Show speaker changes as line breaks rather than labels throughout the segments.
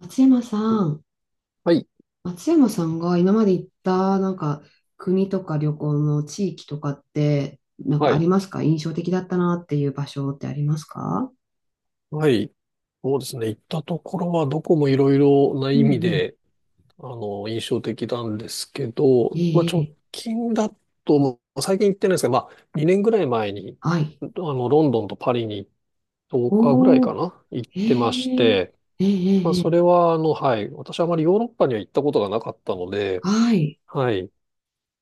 松山さん、
はい。
松山さんが今まで行ったなんか国とか旅行の地域とかってなんか
は
あり
い。
ますか？印象的だったなっていう場所ってありますか？
はい。そうですね。行ったところはどこもいろいろな
うん
意味
うん。
で、印象的なんですけ
え
ど、まあ、
え、
直
ええ、
近だと、もう最近行ってないですけど、まあ、2年ぐらい前に、
はい。
ロンドンとパリに10日ぐらいか
おー、
な、行っ
え
てまし
え、
て、
ええ、
まあ、
え
そ
え、
れは、はい。私はあまりヨーロッパには行ったことがなかったので、
はい。
はい。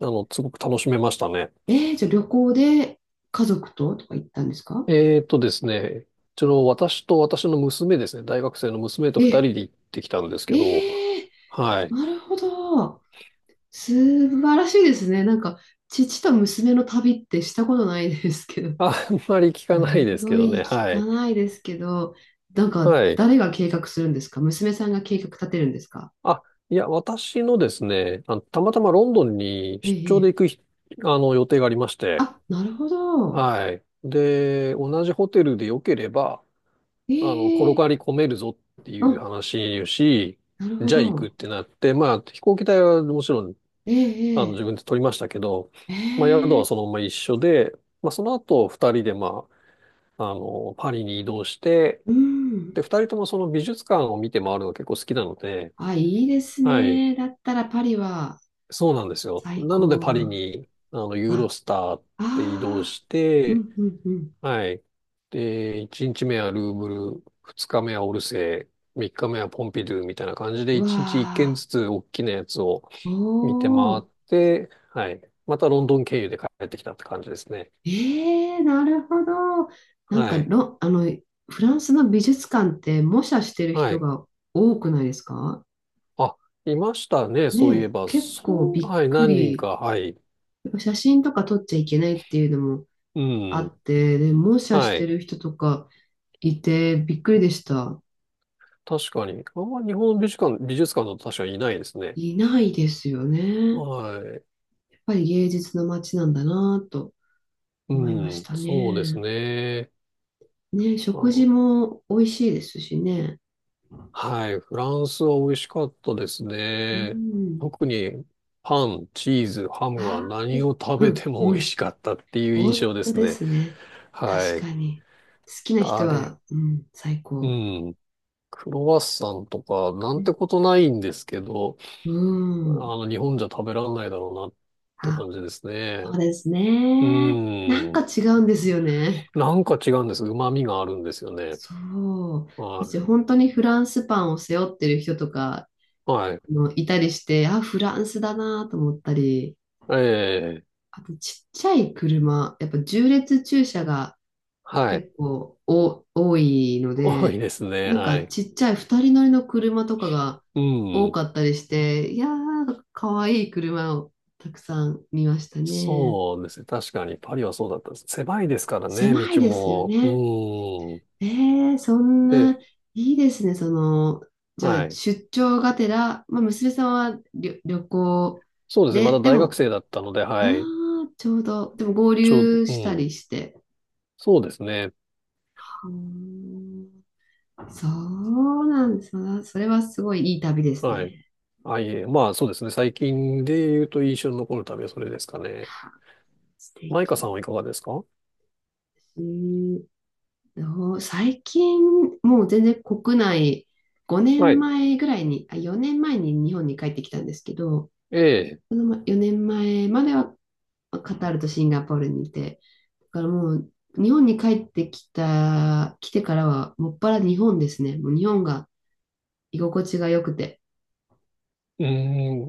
すごく楽しめましたね。
ええ、じゃあ旅行で家族ととか行ったんですか？
えーとですね、ちょうど私と私の娘ですね、大学生の娘と二
え、
人で行ってきたんですけど、
ええ、
はい。
なるほど。素晴らしいですね。なんか父と娘の旅ってしたことないですけど。
あんまり聞かない
す
ですけ
ご
どね、
い聞
は
か
い。
ないですけど、なんか
はい。
誰が計画するんですか？娘さんが計画立てるんですか？
あ、いや、私のですね、たまたまロンドンに
え
出張で
え。え
行
え、
くひ、予定がありまして、
あ、なるほど。
はい。で、同じホテルで良ければ、転
ええ。
がり込めるぞっていう
あ、
話をし、
なるほ
じゃあ行くっ
ど。
てなって、まあ、飛行機代はもちろん
え
自
え。
分で取りましたけど、
え
まあ、
え。ええ、
宿はそのまま一緒で、まあ、その後、二人で、まあ、パリに移動して、
うん。
で、二人ともその美術館を見て回るのが結構好きなので、
あ、いいです
はい、
ね。だったらパリは
そうなんですよ。
最
なので、
高
パリ
な。
に、ユーロ
あ、
スターっ
あ
て移動
あ。
し
う
て、
んうんうん。
はい。で、一日目はルーブル、二日目はオルセー、三日目はポンピドゥみたいな感じで、
うわ
一日一軒
あ。
ずつ大きなやつを
お
見て回っ
お。
て、はい。またロンドン経由で帰ってきたって感じですね。
ええ、なるほど。なん
は
か
い。
ロ、フランスの美術館って模写してる
は
人
い。
が多くないですか？
あ、いましたね。そう
ね
いえ
え、
ば、
結構
そう、
びっ
はい、
く
何人
り。
か、はい。
やっぱ写真とか撮っちゃいけないっていうのも
う
あ
ん。
って、で、模写し
は
て
い。
る人とかいてびっくりでした。
確かに。あんま日本の美術館だと確かにいないですね。
いないですよね。
は
やっぱり芸術の街なんだなぁと
い。
思いま
う
し
ん。
た
そうです
ね。
ね。
ねえ、
あ
食事
の、
も美味しいですしね。
はい。フランスは美味しかったです
う
ね。
ん。
特に、パン、チーズ、ハムは
ああ、
何を食
う
べ
ん、
ても
う
美味
ん。
しかったっていう印
本
象で
当
す
で
ね。
すね。
は
確
い。
かに。好きな
あ
人
れ。
は、うん、最
う
高。
ん。クロワッサンとか、な
う
んて
ん。
ことないんですけど、
うん、
日本じゃ食べらんないだろうなって
あ、
感じですね。
そうです
う
ね。なん
ー
か
ん。
違うんですよね。
なんか違うんです。旨味があるんですよね。
そう。
は
私、
い。
本当にフランスパンを背負ってる人とか
はい。
のいたりして、あ、フランスだなと思ったり、
ええ。
あと、ちっちゃい車、やっぱ縦列駐車が
はい。
結構お多いの
多い
で、
ですね。
なんか
はい。
ちっちゃい二人乗りの車とかが
う
多
ん。
かったりして、いやー、かわいい車をたくさん見ましたね。
そうですね。確かに、パリはそうだったです。狭いですからね、
狭い
道
ですよ
も。う
ね。
ーん。
えそんな、
で、
いいですね。その、じゃ
は
あ
い。
出張がてら、まあ、娘さんは旅、旅行
そうですね。ま
で、
だ
で
大学
も、
生だったので、
あ
はい。
あちょうど、でも合流
う
した
ん。
りして。
そうですね。
はー、そうなんです。それはすごいいい旅です
はい。
ね。
あ、いえ、まあそうですね。最近で言うと印象に残る旅はそれですかね。
はあ、素
マイカさん
敵。
はいかがですか？
えーどう最近、もう全然国内、5
はい。
年前ぐらいに、あ、4年前に日本に帰ってきたんですけど、
ええ。
その4年前まではカタールとシンガポールにいて、だからもう日本に帰ってきた、来てからはもっぱら日本ですね。もう日本が居心地が良くて。
うー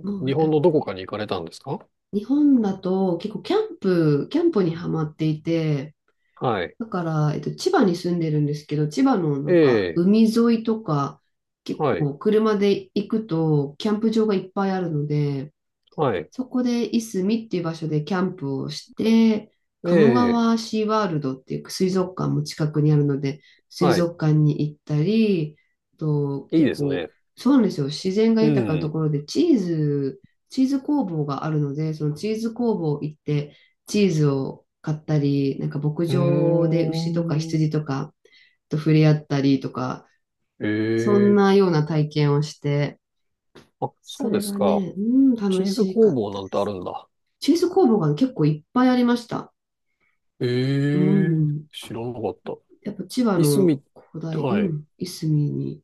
ん。
もう
日
や
本
っ
の
ぱ
どこ
り
かに行かれたんですか？
日本だと結構キャンプにはまっていて、
はい。
だから、千葉に住んでるんですけど、千葉のな
え
んか
え。
海沿いとか、結
はい。
構車で行くとキャンプ場がいっぱいあるので、
はい。
そこでいすみっていう場所でキャンプをして、
え
鴨
え。
川シーワールドっていう水族館も近くにあるので、水
はい。
族館に行ったり、と
いい
結
です
構、
ね。
そうなんですよ。自然が
う
豊かなと
ん。
ころでチーズ工房があるので、そのチーズ工房行って、チーズを買ったり、なんか牧
うー
場で牛とか
ん。
羊とかと触れ合ったりとか、
え
そん
え。
なような体験をして、
あ、
そ
そうで
れ
す
が
か。
ね、うん、
チ
楽
ーズ
しか
工
っ
房
た。
なんてあるんだ。
チーズ工房が結構いっぱいありました。
え
う
え。
ん。
知らなかった。
やっぱ千葉
いす
の
み、
広大、
は
う
い。
ん、いすみに。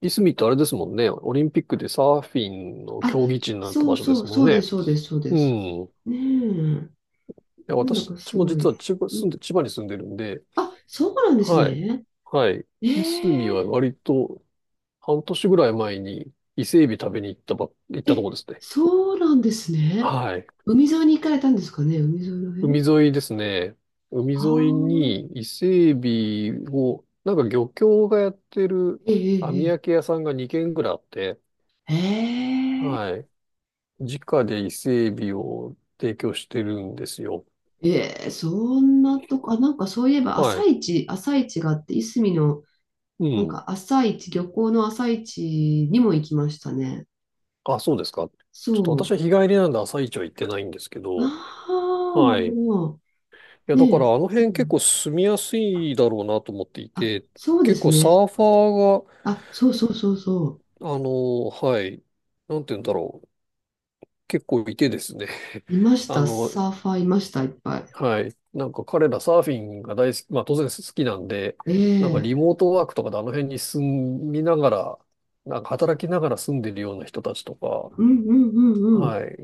いすみってあれですもんね。オリンピックでサーフィンの
あ、
競技地になった
そう
場所で
そう、
すも
そ
ん
うで
ね。
す、そうです、そうで
うん。
す。
い
ねえ、
や、
なんだ
私
かす
も
ごい。
実は
うん。
千葉に住んでるんで、
あ、そうなんです
はい。
ね。
はい。いすみ
え、
は割と半年ぐらい前に伊勢海老食べに行っ
え
たとこ
え、
ですね。
そうなんですね。
はい。
海沿いに行かれたんですかね、海沿いの
海
辺
沿いですね。海
は。
沿い
あ、
に伊勢海老を、なんか漁協がやってる
え
網
えええ、
焼き屋さんが2軒ぐらいあって、
ええええ、
はい。直で伊勢海老を提供してるんですよ。
そんなとこ、あ、なんかそういえば
は
朝
い。
市、朝市があって、いすみの
う
なん
ん。
か朝一、漁港の朝一にも行きましたね。
あ、そうですか。ちょっと私は
そ
日帰りなんで朝市は行ってないんですけ
う。
ど、
ああ、な
は
る
い。
ほ
い
ど。
や、
ね
だから
え。
あの
う
辺結構
ん。
住みやすいだろうなと思ってい
あ、
て、
そうで
結
す
構サ
ね。
ーファーが、
あ、そうそうそうそう。
はい、なんて言うんだろう、結構いてですね、
いま し
あ
た。
の、
サーファーいました、いっぱ
はい。なんか彼らサーフィンが大好き、まあ当然好きなんで、
い。え
なんかリ
え。
モートワークとかであの辺に住みながら、なんか働きながら住んでるような人たちと
うんうん
か、
うんうん。
はい。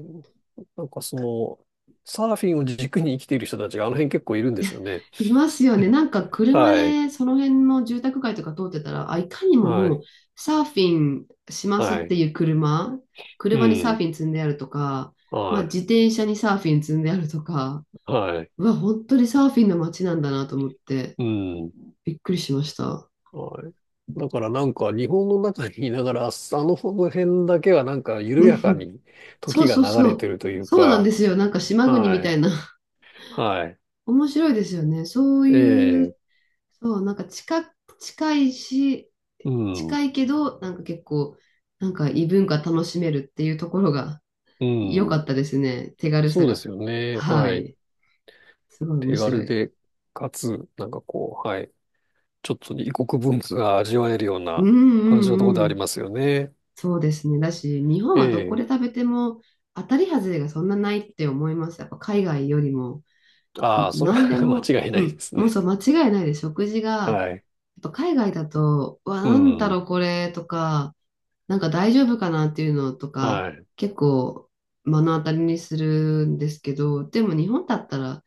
なんかその、サーフィンを軸に生きている人たちがあの辺結構いるんですよね。
いますよね。なんか車
はい。
でその辺の住宅街とか通ってたら、あ、いかにも
は
もう
い。
サーフィンしますっ
は
て
い。
いう車、
う
車にサーフ
ん。
ィン積んであるとか、まあ
は
自転車にサーフィン積んであるとか、
い。はい。
うわ、本当にサーフィンの街なんだなと思って、
うん。
びっくりしました。
はい。だからなんか日本の中にいながら、あの辺だけはなんか 緩
う
やか
ん、
に
そ
時
う
が
そう
流
そ
れて
う。
るという
そうなん
か、
ですよ。なんか島国み
は
た
い。
いな。
はい。
面白いですよね。そう
え
い
え、
う、そう、なんか近、近いし、
うん、
近いけど、なんか結構、なんか異文化楽しめるっていうところが
う
良か
ん。
ったですね。手軽さ
そうで
が。
すよね。
は
はい。
い。すごい面
手
白
軽
い。
で、かつ、なんかこう、はい。ちょっと異国文化が味わえるよう
うん
な感じのところ
う
で
んう
あり
ん。
ますよね。
そうですね。だし、日本
え
はどこで
え。
食べても当たり外れがそんなないって思います。やっぱ海外よりも。
ああ、それは
何で も、
間違いな
う
いで
ん、
す
もう
ね。
そう、間違いないです。食事が、や
はい。
っぱ海外だと、うわ、
う
なんだろ
ん。
うこれとか、なんか大丈夫かなっていうのとか、
はい。
結構目の当たりにするんですけど、でも日本だったら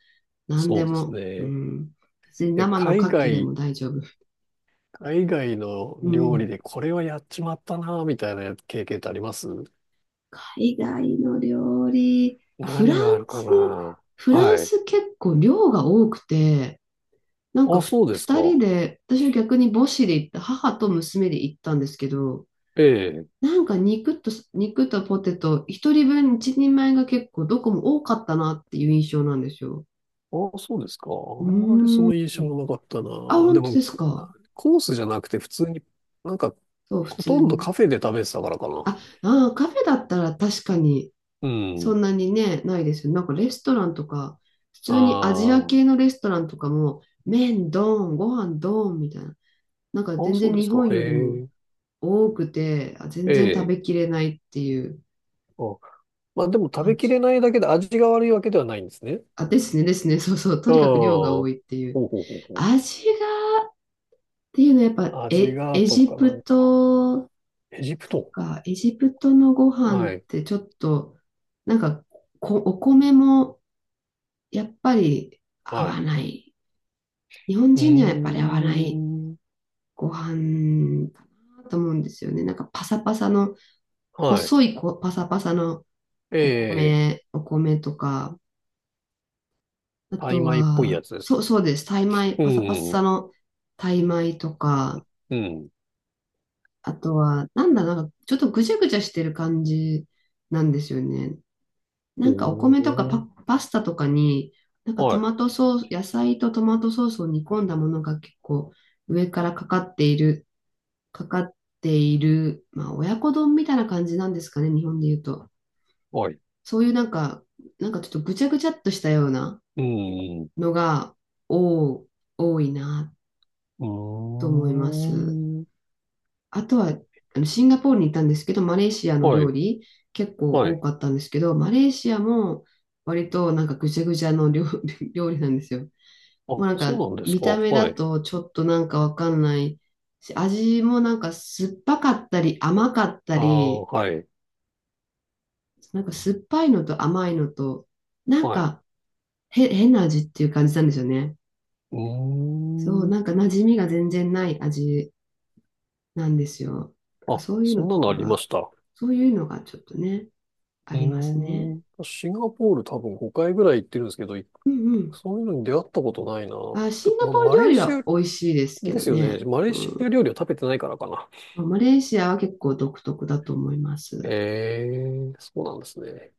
何
そ
で
うです
も、う
ね。
ん、別に
え、
生の牡
海
蠣でも
外、
大丈夫。
海外の
う
料理
ん、
でこれはやっちまったな、みたいな経験ってあります？
海外の料理、フラ
何
ン
があるか
ス、
な。
フラン
はい。
ス結構量が多くて、なんか
あ、
ふ
そうです
2人
か。
で、私は逆に母子で行った、母と娘で行ったんですけど、
ええ。
なんか肉とポテト、1人分1人前が結構どこも多かったなっていう印象なんですよ。
ああ、そうですか。
う
あんまりそ
ーん。
の印象はなかった
あ、
な。で
本当
も、
です
あ、
か。
コースじゃなくて普通に、なんか、
そう、普
ほと
通
んど
に。
カフェで食べてたからかな。
あ、あー、カフェだったら確かに
う
そ
ん。
んなにね、ないですよね。なんかレストランとか、普通にアジア
ああ、
系のレストランとかも、麺ドーン、ご飯ドーンみたいな。なんか
ああ、
全
そ
然
うで
日
すか。
本
へ
よりも
え、
多くて、あ全
え
然食
え。
べきれないっていう
あ、まあでも食
感
べきれ
じ。
ないだけで味が悪いわけではないんですね。
あ、ですね、ですね、そうそう、と
ああ、
にかく量が多
ほ
いっていう。
うほうほうほう。
味がっていうのはやっぱ
味
エ、
が
エ
と
ジ
かな
プ
んか、
ト
エジプ
と
ト。
か、エジプトのご飯っ
はい、
てちょっと、なんかこ、お米もやっぱり合
は
わ
い。
ない。日本
うー
人にはやっぱり合わない
ん、
ご飯かなと思うんですよね。なんかパサパサの、
はい。
細いこパサパサの
え
お
え、
米、お米とか、あ
タイ
と
米っぽい
は、
やつです
そ
か？
う、そうです。タイ米、
う
パサパ
ん、
サのタイ米とか、
うん。
あとは、なんだ、なんか、ちょっとぐちゃぐちゃしてる感じなんですよね。
お
なんか、お米とかパ、
ー、
パスタとかに、なんかト
はい、
マトソース、野菜とトマトソースを煮込んだものが結構上からかかっている、まあ、親子丼みたいな感じなんですかね、日本で言うと。
はい。
そういうなんか、なんかちょっとぐちゃぐちゃっとしたような
うん、う
のが、多多いな
ー
と思います。
ん、
あとは、あのシンガポールに行ったんですけど、マレーシアの
は
料
い、
理結構
は
多
い。
かったんですけど、マレーシアも割となんかぐちゃぐちゃの料、料理なんですよ。もう
あ、
なん
そう
か
なんです
見
か。
た目だ
はい。
とちょっとなんかわかんないし、味もなんか酸っぱかったり甘かった
ああ、
り、
はい、
なんか酸っぱいのと甘いのと、なん
はい。
か変な味っていう感じなんですよね。
うー
そう、なんか
ん。
馴染みが全然ない味なんですよ。なんか
あ、
そういう
そ
の
んな
と
の
か
ありま
が、
した。う
そういうのがちょっとね、あります
ー
ね。
ん。シンガポール多分5回ぐらい行ってるんですけど、
うんうん。
そういうのに出会ったことないな。
あ、シンガポール
マ
料
レー
理
シ
は
ア
美味しいですけ
で
ど
すよね。
ね。
マレーシア料理を食べてないからかな。
うん、マレーシアは結構独特だと思います。
ええ、そうなんですね。